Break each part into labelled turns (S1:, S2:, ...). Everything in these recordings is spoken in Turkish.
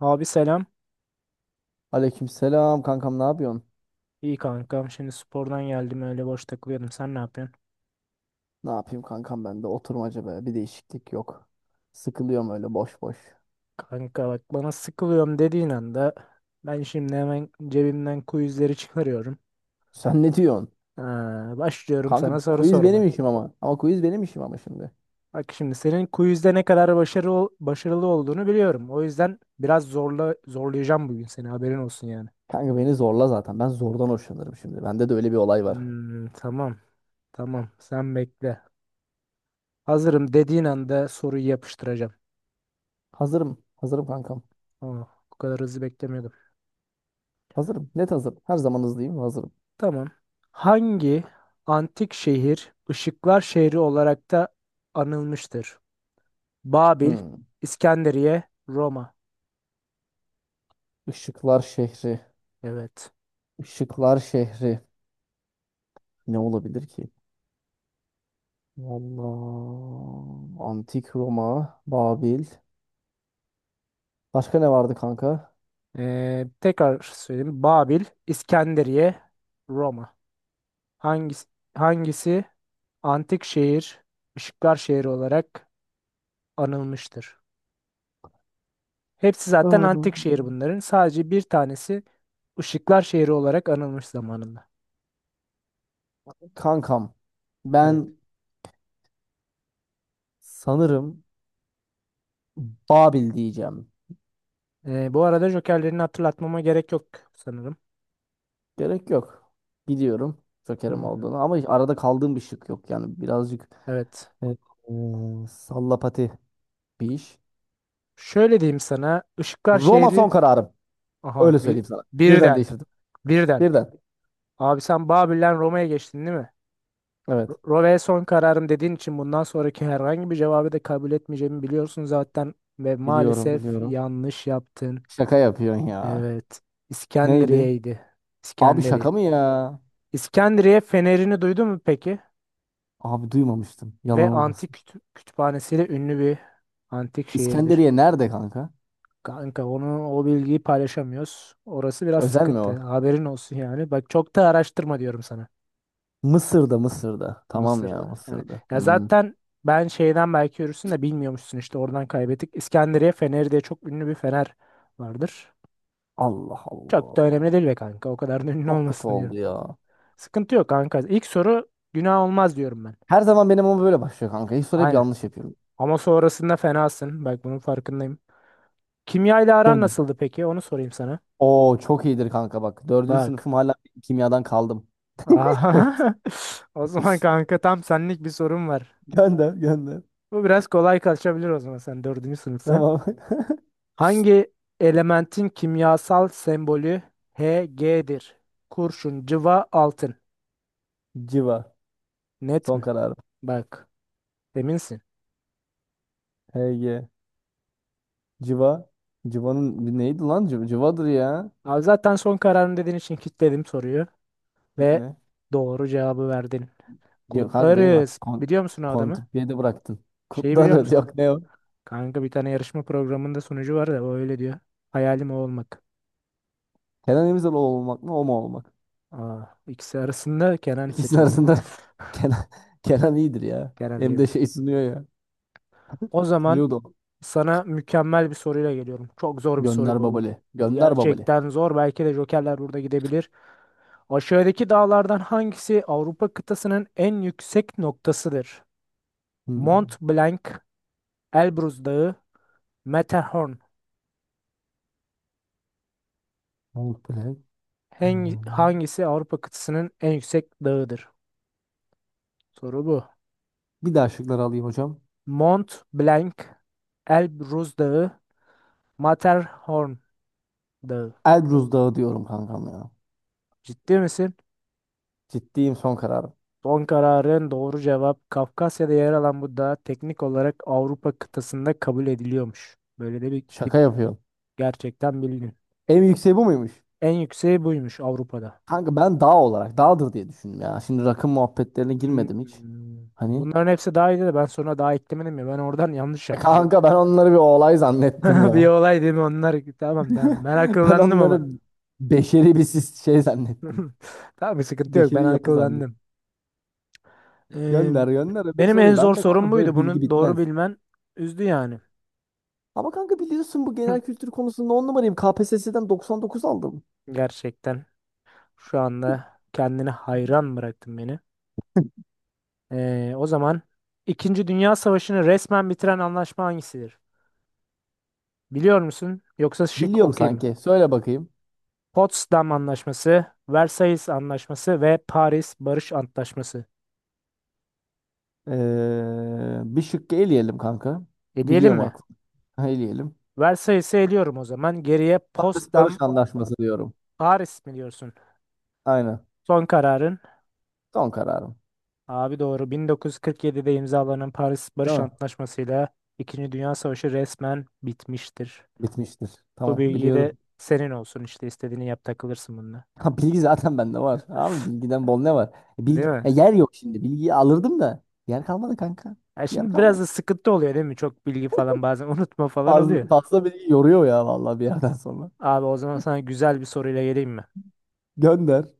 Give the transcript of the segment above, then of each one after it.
S1: Abi selam.
S2: Aleykümselam kankam, ne yapıyorsun?
S1: İyi kankam. Şimdi spordan geldim, öyle boş takılıyordum. Sen ne yapıyorsun?
S2: Ne yapayım kankam, ben de oturmaca be bir değişiklik yok. Sıkılıyorum öyle boş boş.
S1: Kanka bak, bana sıkılıyorum dediğin anda ben şimdi hemen cebimden quizleri çıkarıyorum.
S2: Sen ne diyorsun?
S1: Ha, başlıyorum
S2: Kanka
S1: sana soru
S2: quiz
S1: sormaya.
S2: benim işim ama. Ama quiz benim işim ama şimdi.
S1: Bak şimdi senin quizde ne kadar başarılı olduğunu biliyorum. O yüzden biraz zorla zorlayacağım bugün seni, haberin olsun yani.
S2: Kanka beni zorla zaten. Ben zordan hoşlanırım şimdi. Bende de öyle bir olay var.
S1: Hmm, tamam, tamam, sen bekle. Hazırım dediğin anda soruyu yapıştıracağım.
S2: Hazırım. Hazırım kankam.
S1: Aa, bu kadar hızlı beklemiyordum.
S2: Hazırım. Net hazırım. Her zaman hızlıyım. Hazırım.
S1: Tamam. Hangi antik şehir ışıklar şehri olarak da anılmıştır? Babil,
S2: Hmm.
S1: İskenderiye, Roma.
S2: Işıklar şehri.
S1: Evet.
S2: Işıklar şehri. Ne olabilir ki? Vallahi antik Roma, Babil. Başka ne vardı kanka?
S1: Tekrar söyleyeyim. Babil, İskenderiye, Roma. Hangisi, hangisi antik şehir, ışıklar şehri olarak anılmıştır? Hepsi zaten antik şehir
S2: Aa,
S1: bunların. Sadece bir tanesi ışıklar şehri olarak anılmış zamanında.
S2: kankam
S1: Evet.
S2: ben sanırım Babil diyeceğim.
S1: Bu arada jokerlerini hatırlatmama gerek yok sanırım.
S2: Gerek yok. Biliyorum Joker'im
S1: Hmm.
S2: olduğunu ama arada kaldığım bir şık yok, yani birazcık
S1: Evet.
S2: sallapati bir iş.
S1: Şöyle diyeyim sana. Işıklar
S2: Roma
S1: şehri.
S2: son kararım.
S1: Aha,
S2: Öyle söyleyeyim sana. Birden
S1: birden.
S2: değiştirdim.
S1: Birden.
S2: Birden.
S1: Abi sen Babil'den Roma'ya geçtin, değil mi?
S2: Evet.
S1: Roma'ya son kararım dediğin için bundan sonraki herhangi bir cevabı da kabul etmeyeceğimi biliyorsun zaten. Ve
S2: Biliyorum,
S1: maalesef
S2: biliyorum.
S1: yanlış yaptın.
S2: Şaka yapıyorsun ya.
S1: Evet.
S2: Neydi?
S1: İskenderiye'ydi.
S2: Abi
S1: İskenderiye.
S2: şaka mı ya?
S1: İskenderiye fenerini duydun mu peki?
S2: Abi duymamıştım.
S1: Ve
S2: Yalan
S1: antik
S2: olmasın.
S1: kütüphanesiyle ünlü bir antik şehirdir.
S2: İskenderiye nerede kanka?
S1: Kanka o bilgiyi paylaşamıyoruz. Orası biraz
S2: Özel mi
S1: sıkıntı.
S2: o?
S1: Haberin olsun yani. Bak, çok da araştırma diyorum sana.
S2: Mısır'da, Mısır'da. Tamam ya,
S1: Mısır'da. Evet.
S2: Mısır'da.
S1: Ya
S2: Hmm.
S1: zaten ben şeyden belki yürürsün de bilmiyormuşsun, işte oradan kaybettik. İskenderiye Feneri diye çok ünlü bir fener vardır.
S2: Allah
S1: Çok da önemli
S2: Allah.
S1: değil be kanka. O kadar da ünlü
S2: Çok kötü
S1: olmasın diyorum.
S2: oldu ya.
S1: Sıkıntı yok kanka. İlk soru günah olmaz diyorum ben.
S2: Her zaman benim ama böyle başlıyor kanka. Hiç soru hep
S1: Aynen.
S2: yanlış yapıyorum.
S1: Ama sonrasında fenasın. Bak, bunun farkındayım. Kimya ile aran
S2: Gönder.
S1: nasıldı peki? Onu sorayım sana.
S2: Oo çok iyidir kanka bak. Dördüncü
S1: Bak.
S2: sınıfım hala kimyadan kaldım.
S1: Aha. O zaman kanka tam senlik bir sorum var.
S2: Gönder gönder.
S1: Bu biraz kolay kaçabilir, o zaman, sen dördüncü sınıfsın.
S2: Tamam.
S1: Hangi elementin kimyasal sembolü Hg'dir? Kurşun, cıva, altın.
S2: Civa.
S1: Net
S2: Son
S1: mi?
S2: kararım.
S1: Bak, eminsin.
S2: HG. Civa. Civa'nın bir neydi lan? Civa, Civa'dır ya.
S1: Abi zaten son kararın dediğin için kilitledim soruyu ve
S2: Kitle.
S1: doğru cevabı verdin.
S2: Yok kanka, beni bak
S1: Kutlarız. Biliyor musun o adamı?
S2: kontrpiyede bıraktın.
S1: Şeyi biliyor
S2: Kutlarız.
S1: musun?
S2: Yok, ne o?
S1: Kanka bir tane yarışma programında sunucu var da o öyle diyor. Hayalim o olmak.
S2: Kenan İmirzalıoğlu olmak mı? O mu olmak?
S1: Aa, ikisi arasında Kenan
S2: İkisinin
S1: seçerdim.
S2: arasında Kenan, Kenan iyidir ya.
S1: Kenan
S2: Hem de
S1: iyidir.
S2: şey sunuyor ya.
S1: O zaman
S2: Sunuyordu o.
S1: sana mükemmel bir soruyla geliyorum. Çok zor bir soru
S2: Gönder
S1: bu.
S2: babali.
S1: Bu
S2: Gönder babali.
S1: gerçekten zor. Belki de jokerler burada gidebilir. Aşağıdaki dağlardan hangisi Avrupa kıtasının en yüksek noktasıdır?
S2: Hmm.
S1: Mont Blanc, Elbrus Dağı, Matterhorn.
S2: Mahmut Bülent.
S1: Hangi,
S2: Hmm.
S1: hangisi Avrupa kıtasının en yüksek dağıdır? Soru bu.
S2: Bir daha şıkları alayım hocam.
S1: Mont Blanc, Elbrus Dağı, Matterhorn Dağı.
S2: Elbruz Dağı diyorum kankam ya.
S1: Ciddi misin?
S2: Ciddiyim son kararım.
S1: Son kararın doğru cevap. Kafkasya'da yer alan bu dağ teknik olarak Avrupa kıtasında kabul ediliyormuş. Böyle de bir tip,
S2: Şaka yapıyorum.
S1: gerçekten bildin.
S2: En yükseği bu muymuş?
S1: En yükseği buymuş Avrupa'da.
S2: Kanka ben dağ olarak dağdır diye düşündüm ya. Şimdi rakım muhabbetlerine
S1: Hmm.
S2: girmedim hiç. Hani
S1: Bunların hepsi daha iyiydi de ben sonra daha eklemedim ya, ben oradan yanlış yapmışım.
S2: kanka ben onları bir olay zannettim
S1: Bir
S2: ya.
S1: olay değil mi onlar? Tamam, tamam, ben
S2: Ben
S1: akıllandım ama.
S2: onları beşeri bir şey zannettim.
S1: Tamam, bir sıkıntı yok, ben
S2: Beşeri yapı zannettim.
S1: akıllandım. Ee,
S2: Gönder gönder öbür
S1: Benim en
S2: soruyu.
S1: zor
S2: Ben de
S1: sorum
S2: kanka
S1: buydu,
S2: böyle bilgi
S1: bunu doğru
S2: bitmez.
S1: bilmen üzdü yani
S2: Ama kanka biliyorsun, bu genel kültür konusunda on numarayım. KPSS'den 99 aldım.
S1: gerçekten. Şu anda kendine hayran bıraktın beni. O zaman, İkinci Dünya Savaşı'nı resmen bitiren anlaşma hangisidir? Biliyor musun? Yoksa şık
S2: Biliyorum
S1: okuyayım mı?
S2: sanki. Söyle bakayım.
S1: Potsdam Anlaşması, Versailles Anlaşması ve Paris Barış Antlaşması.
S2: Bir şıkkı eleyelim kanka.
S1: Eleyelim
S2: Biliyorum
S1: mi?
S2: aklım. Eleyelim.
S1: Versailles'i eliyorum o zaman. Geriye
S2: Paris Barış
S1: Potsdam,
S2: Anlaşması diyorum.
S1: Paris mi diyorsun?
S2: Aynen.
S1: Son kararın.
S2: Son kararım.
S1: Abi doğru. 1947'de imzalanan Paris
S2: Değil
S1: Barış
S2: mi?
S1: Antlaşması ile İkinci Dünya Savaşı resmen bitmiştir.
S2: Bitmiştir.
S1: Bu
S2: Tamam,
S1: bilgi de
S2: biliyordum.
S1: senin olsun, işte istediğini yap, takılırsın bununla.
S2: Ha, bilgi zaten bende var. Abi bilgiden bol ne var?
S1: Değil
S2: Bilgi,
S1: mi?
S2: yer yok şimdi. Bilgiyi alırdım da yer kalmadı kanka.
S1: Ya
S2: Yer
S1: şimdi biraz
S2: kalmadı.
S1: da sıkıntı oluyor değil mi? Çok bilgi falan, bazen unutma falan
S2: Fazla,
S1: oluyor.
S2: fazla bilgi yoruyor ya vallahi bir yerden sonra.
S1: Abi o zaman sana güzel bir soruyla geleyim mi?
S2: Gönder.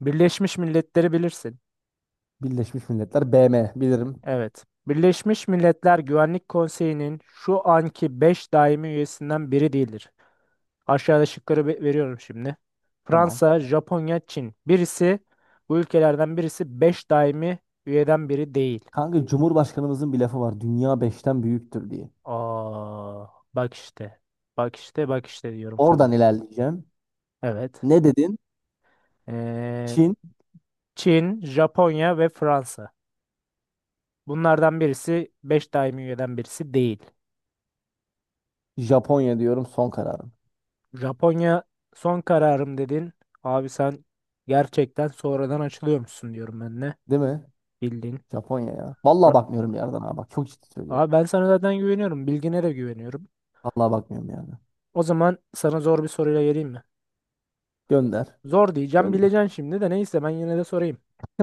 S1: Birleşmiş Milletleri bilirsin.
S2: Birleşmiş Milletler, BM bilirim.
S1: Evet. Birleşmiş Milletler Güvenlik Konseyi'nin şu anki 5 daimi üyesinden biri değildir. Aşağıda şıkları veriyorum şimdi.
S2: Tamam.
S1: Fransa, Japonya, Çin. Bu ülkelerden birisi 5 daimi üyeden biri değil.
S2: Kanka Cumhurbaşkanımızın bir lafı var. Dünya beşten büyüktür diye.
S1: Aa, bak işte. Bak işte, bak işte diyorum
S2: Oradan
S1: sana.
S2: ilerleyeceğim.
S1: Evet.
S2: Ne dedin?
S1: Ee,
S2: Çin,
S1: Çin, Japonya ve Fransa. Bunlardan birisi 5 daimi üyeden birisi değil.
S2: Japonya diyorum son kararım.
S1: Japonya son kararım dedin. Abi sen gerçekten sonradan açılıyormuşsun diyorum ben de.
S2: Değil mi?
S1: Bildiğin.
S2: Japonya ya. Vallahi
S1: Ra-
S2: bakmıyorum bir yerden, ha bak. Çok ciddi söylüyorum.
S1: Abi ben sana zaten güveniyorum. Bilgine de güveniyorum.
S2: Vallahi bakmıyorum yani.
S1: O zaman sana zor bir soruyla geleyim mi?
S2: Gönder.
S1: Zor diyeceğim,
S2: Gönder.
S1: bileceksin şimdi de, neyse ben yine de sorayım.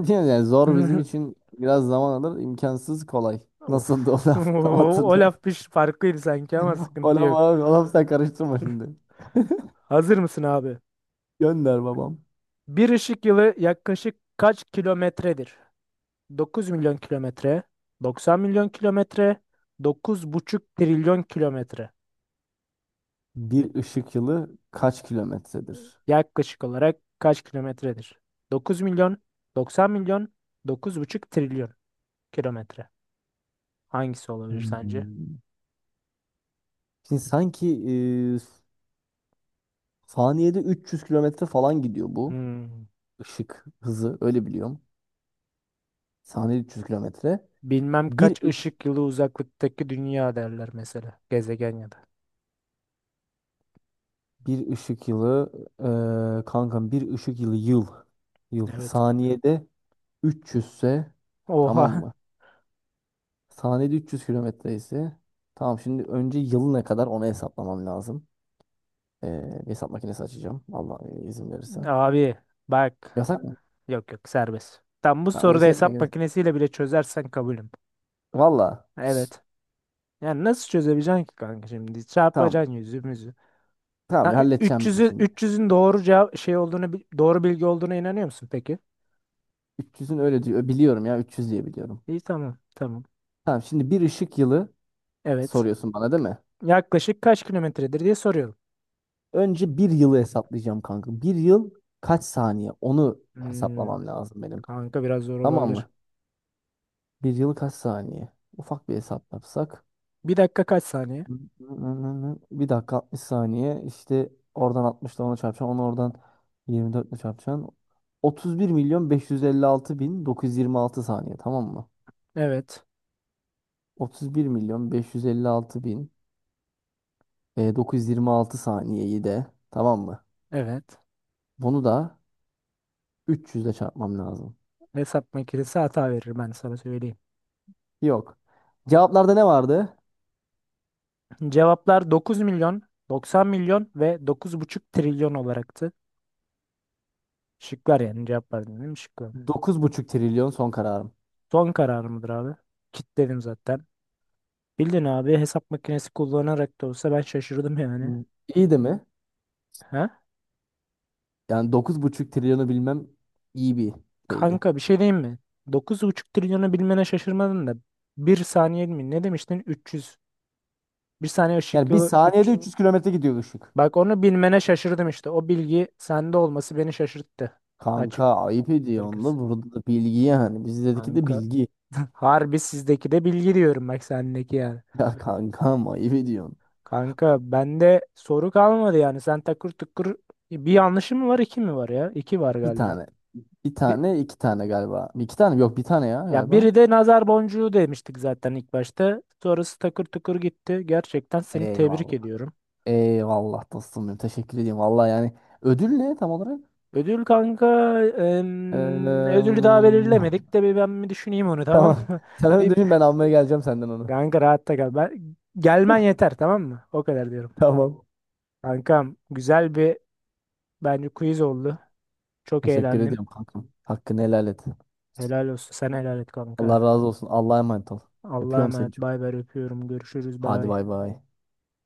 S2: Yani zor bizim için biraz zaman alır. İmkansız kolay.
S1: Of.
S2: Nasıldı o
S1: O,
S2: laf? Tam
S1: o
S2: hatırlıyorum.
S1: laf farklıydı sanki, ama
S2: O
S1: sıkıntı
S2: laf
S1: yok.
S2: abi. O laf sen karıştırma şimdi.
S1: Hazır mısın abi?
S2: Gönder babam.
S1: Bir ışık yılı yaklaşık kaç kilometredir? 9 milyon kilometre, 90 milyon kilometre, dokuz buçuk trilyon kilometre. Ne-
S2: Bir ışık yılı kaç kilometredir?
S1: Yaklaşık olarak kaç kilometredir? 9 milyon, 90 milyon, dokuz buçuk trilyon kilometre. Hangisi olabilir sence?
S2: Hmm. Şimdi sanki e, saniyede 300 kilometre falan gidiyor bu
S1: Hmm.
S2: ışık hızı, öyle biliyorum. Saniyede 300 kilometre.
S1: Bilmem
S2: Bir
S1: kaç
S2: ış
S1: ışık yılı uzaklıktaki dünya derler mesela. Gezegen ya da.
S2: bir ışık yılı, kankam bir ışık yılı, yıl
S1: Evet.
S2: saniyede 300 ise, tamam
S1: Oha.
S2: mı? Saniyede 300 kilometre ise, tamam, şimdi önce yıl ne kadar onu hesaplamam lazım. E, Hesap makinesi açacağım, Allah izin verirse.
S1: Abi bak,
S2: Yasak mı?
S1: yok yok, serbest. Tam bu
S2: Tamam
S1: soruda
S2: şey yapma
S1: hesap
S2: gerek.
S1: makinesiyle bile çözersen kabulüm.
S2: Valla.
S1: Evet. Yani nasıl çözebileceksin ki kanka şimdi?
S2: Tamam.
S1: Çarpacaksın yüzümüzü.
S2: Tamam,
S1: Ha,
S2: halledeceğim ben şimdi.
S1: 300'ün doğru cevap şey olduğunu doğru bilgi olduğuna inanıyor musun peki?
S2: 300'ün öyle diyor. Biliyorum ya, 300 diye biliyorum.
S1: İyi, tamam, tamam.
S2: Tamam şimdi, bir ışık yılı
S1: Evet.
S2: soruyorsun bana değil mi?
S1: Yaklaşık kaç kilometredir diye soruyorum.
S2: Önce bir yılı hesaplayacağım kanka. Bir yıl kaç saniye? Onu
S1: Hmm,
S2: hesaplamam lazım benim.
S1: kanka biraz zor
S2: Tamam
S1: olabilir.
S2: mı? Bir yıl kaç saniye? Ufak bir hesap yapsak.
S1: Bir dakika kaç saniye?
S2: Bir dakika 60 saniye. İşte oradan 60 ile ona çarpacaksın. Onu oradan 24 ile çarpacaksın. 31 milyon 556 bin 926 saniye, tamam mı?
S1: Evet.
S2: 31 milyon beş yüz elli altı bin, 926 saniyeyi de, tamam mı?
S1: Evet.
S2: Bunu da 300 ile çarpmam lazım.
S1: Hesap makinesi hata verir, ben sana söyleyeyim.
S2: Yok. Cevaplarda ne vardı?
S1: Cevaplar 9 milyon, 90 milyon ve dokuz buçuk trilyon olaraktı. Şıklar yani, cevaplar dedim, şıklar.
S2: 9,5 trilyon son kararım.
S1: Son karar mıdır abi? Kitledim zaten. Bildin abi, hesap makinesi kullanarak da olsa ben şaşırdım yani.
S2: Hmm. İyi de mi?
S1: Ha?
S2: Yani 9,5 trilyonu bilmem iyi bir şeydi.
S1: Kanka bir şey diyeyim mi? Dokuz buçuk trilyonu bilmene şaşırmadın da. Bir saniye mi? Ne demiştin? 300. Bir saniye ışık
S2: Yani bir
S1: yılı
S2: saniyede
S1: 3.
S2: 300 kilometre gidiyor ışık.
S1: Bak, onu bilmene şaşırdım işte. O bilgi sende olması beni şaşırttı. Açık
S2: Kanka ayıp ediyorsun da,
S1: gerekirse.
S2: burada da bilgi yani. Bizdeki de
S1: Kanka,
S2: bilgi.
S1: harbi sizdeki de bilgi diyorum bak, sendeki yani.
S2: Ya kankam, ayıp ediyorsun.
S1: Kanka bende soru kalmadı yani. Sen takır tukur. Bir yanlışım mı var, iki mi var ya? İki var
S2: Bir
S1: galiba.
S2: tane. Bir
S1: Bir,
S2: tane, iki tane galiba. İki tane mi? Yok, bir tane ya
S1: ya biri
S2: galiba.
S1: de nazar boncuğu demiştik zaten ilk başta. Sonrası takır tukur gitti. Gerçekten seni tebrik
S2: Eyvallah.
S1: ediyorum.
S2: Eyvallah dostum benim. Teşekkür ediyorum. Vallahi yani, ödül ne tam olarak?
S1: Ödül kanka,
S2: Eee,
S1: ödülü daha belirlemedik de bir ben bir düşüneyim onu, tamam
S2: tamam.
S1: mı?
S2: Sen onu
S1: Bir
S2: düşün, ben almaya geleceğim senden onu.
S1: kanka, rahatta kal. Gelmen yeter, tamam mı? O kadar diyorum.
S2: Tamam.
S1: Kankam, güzel bir bence quiz oldu. Çok
S2: Teşekkür
S1: eğlendim.
S2: ediyorum kankam. Hakkını helal et.
S1: Helal olsun. Sen helal et kanka.
S2: Allah razı olsun. Allah'a emanet ol.
S1: Allah'a
S2: Öpüyorum seni
S1: emanet. Bay
S2: çok.
S1: bay, öpüyorum. Görüşürüz.
S2: Hadi
S1: Bay.
S2: bay bay.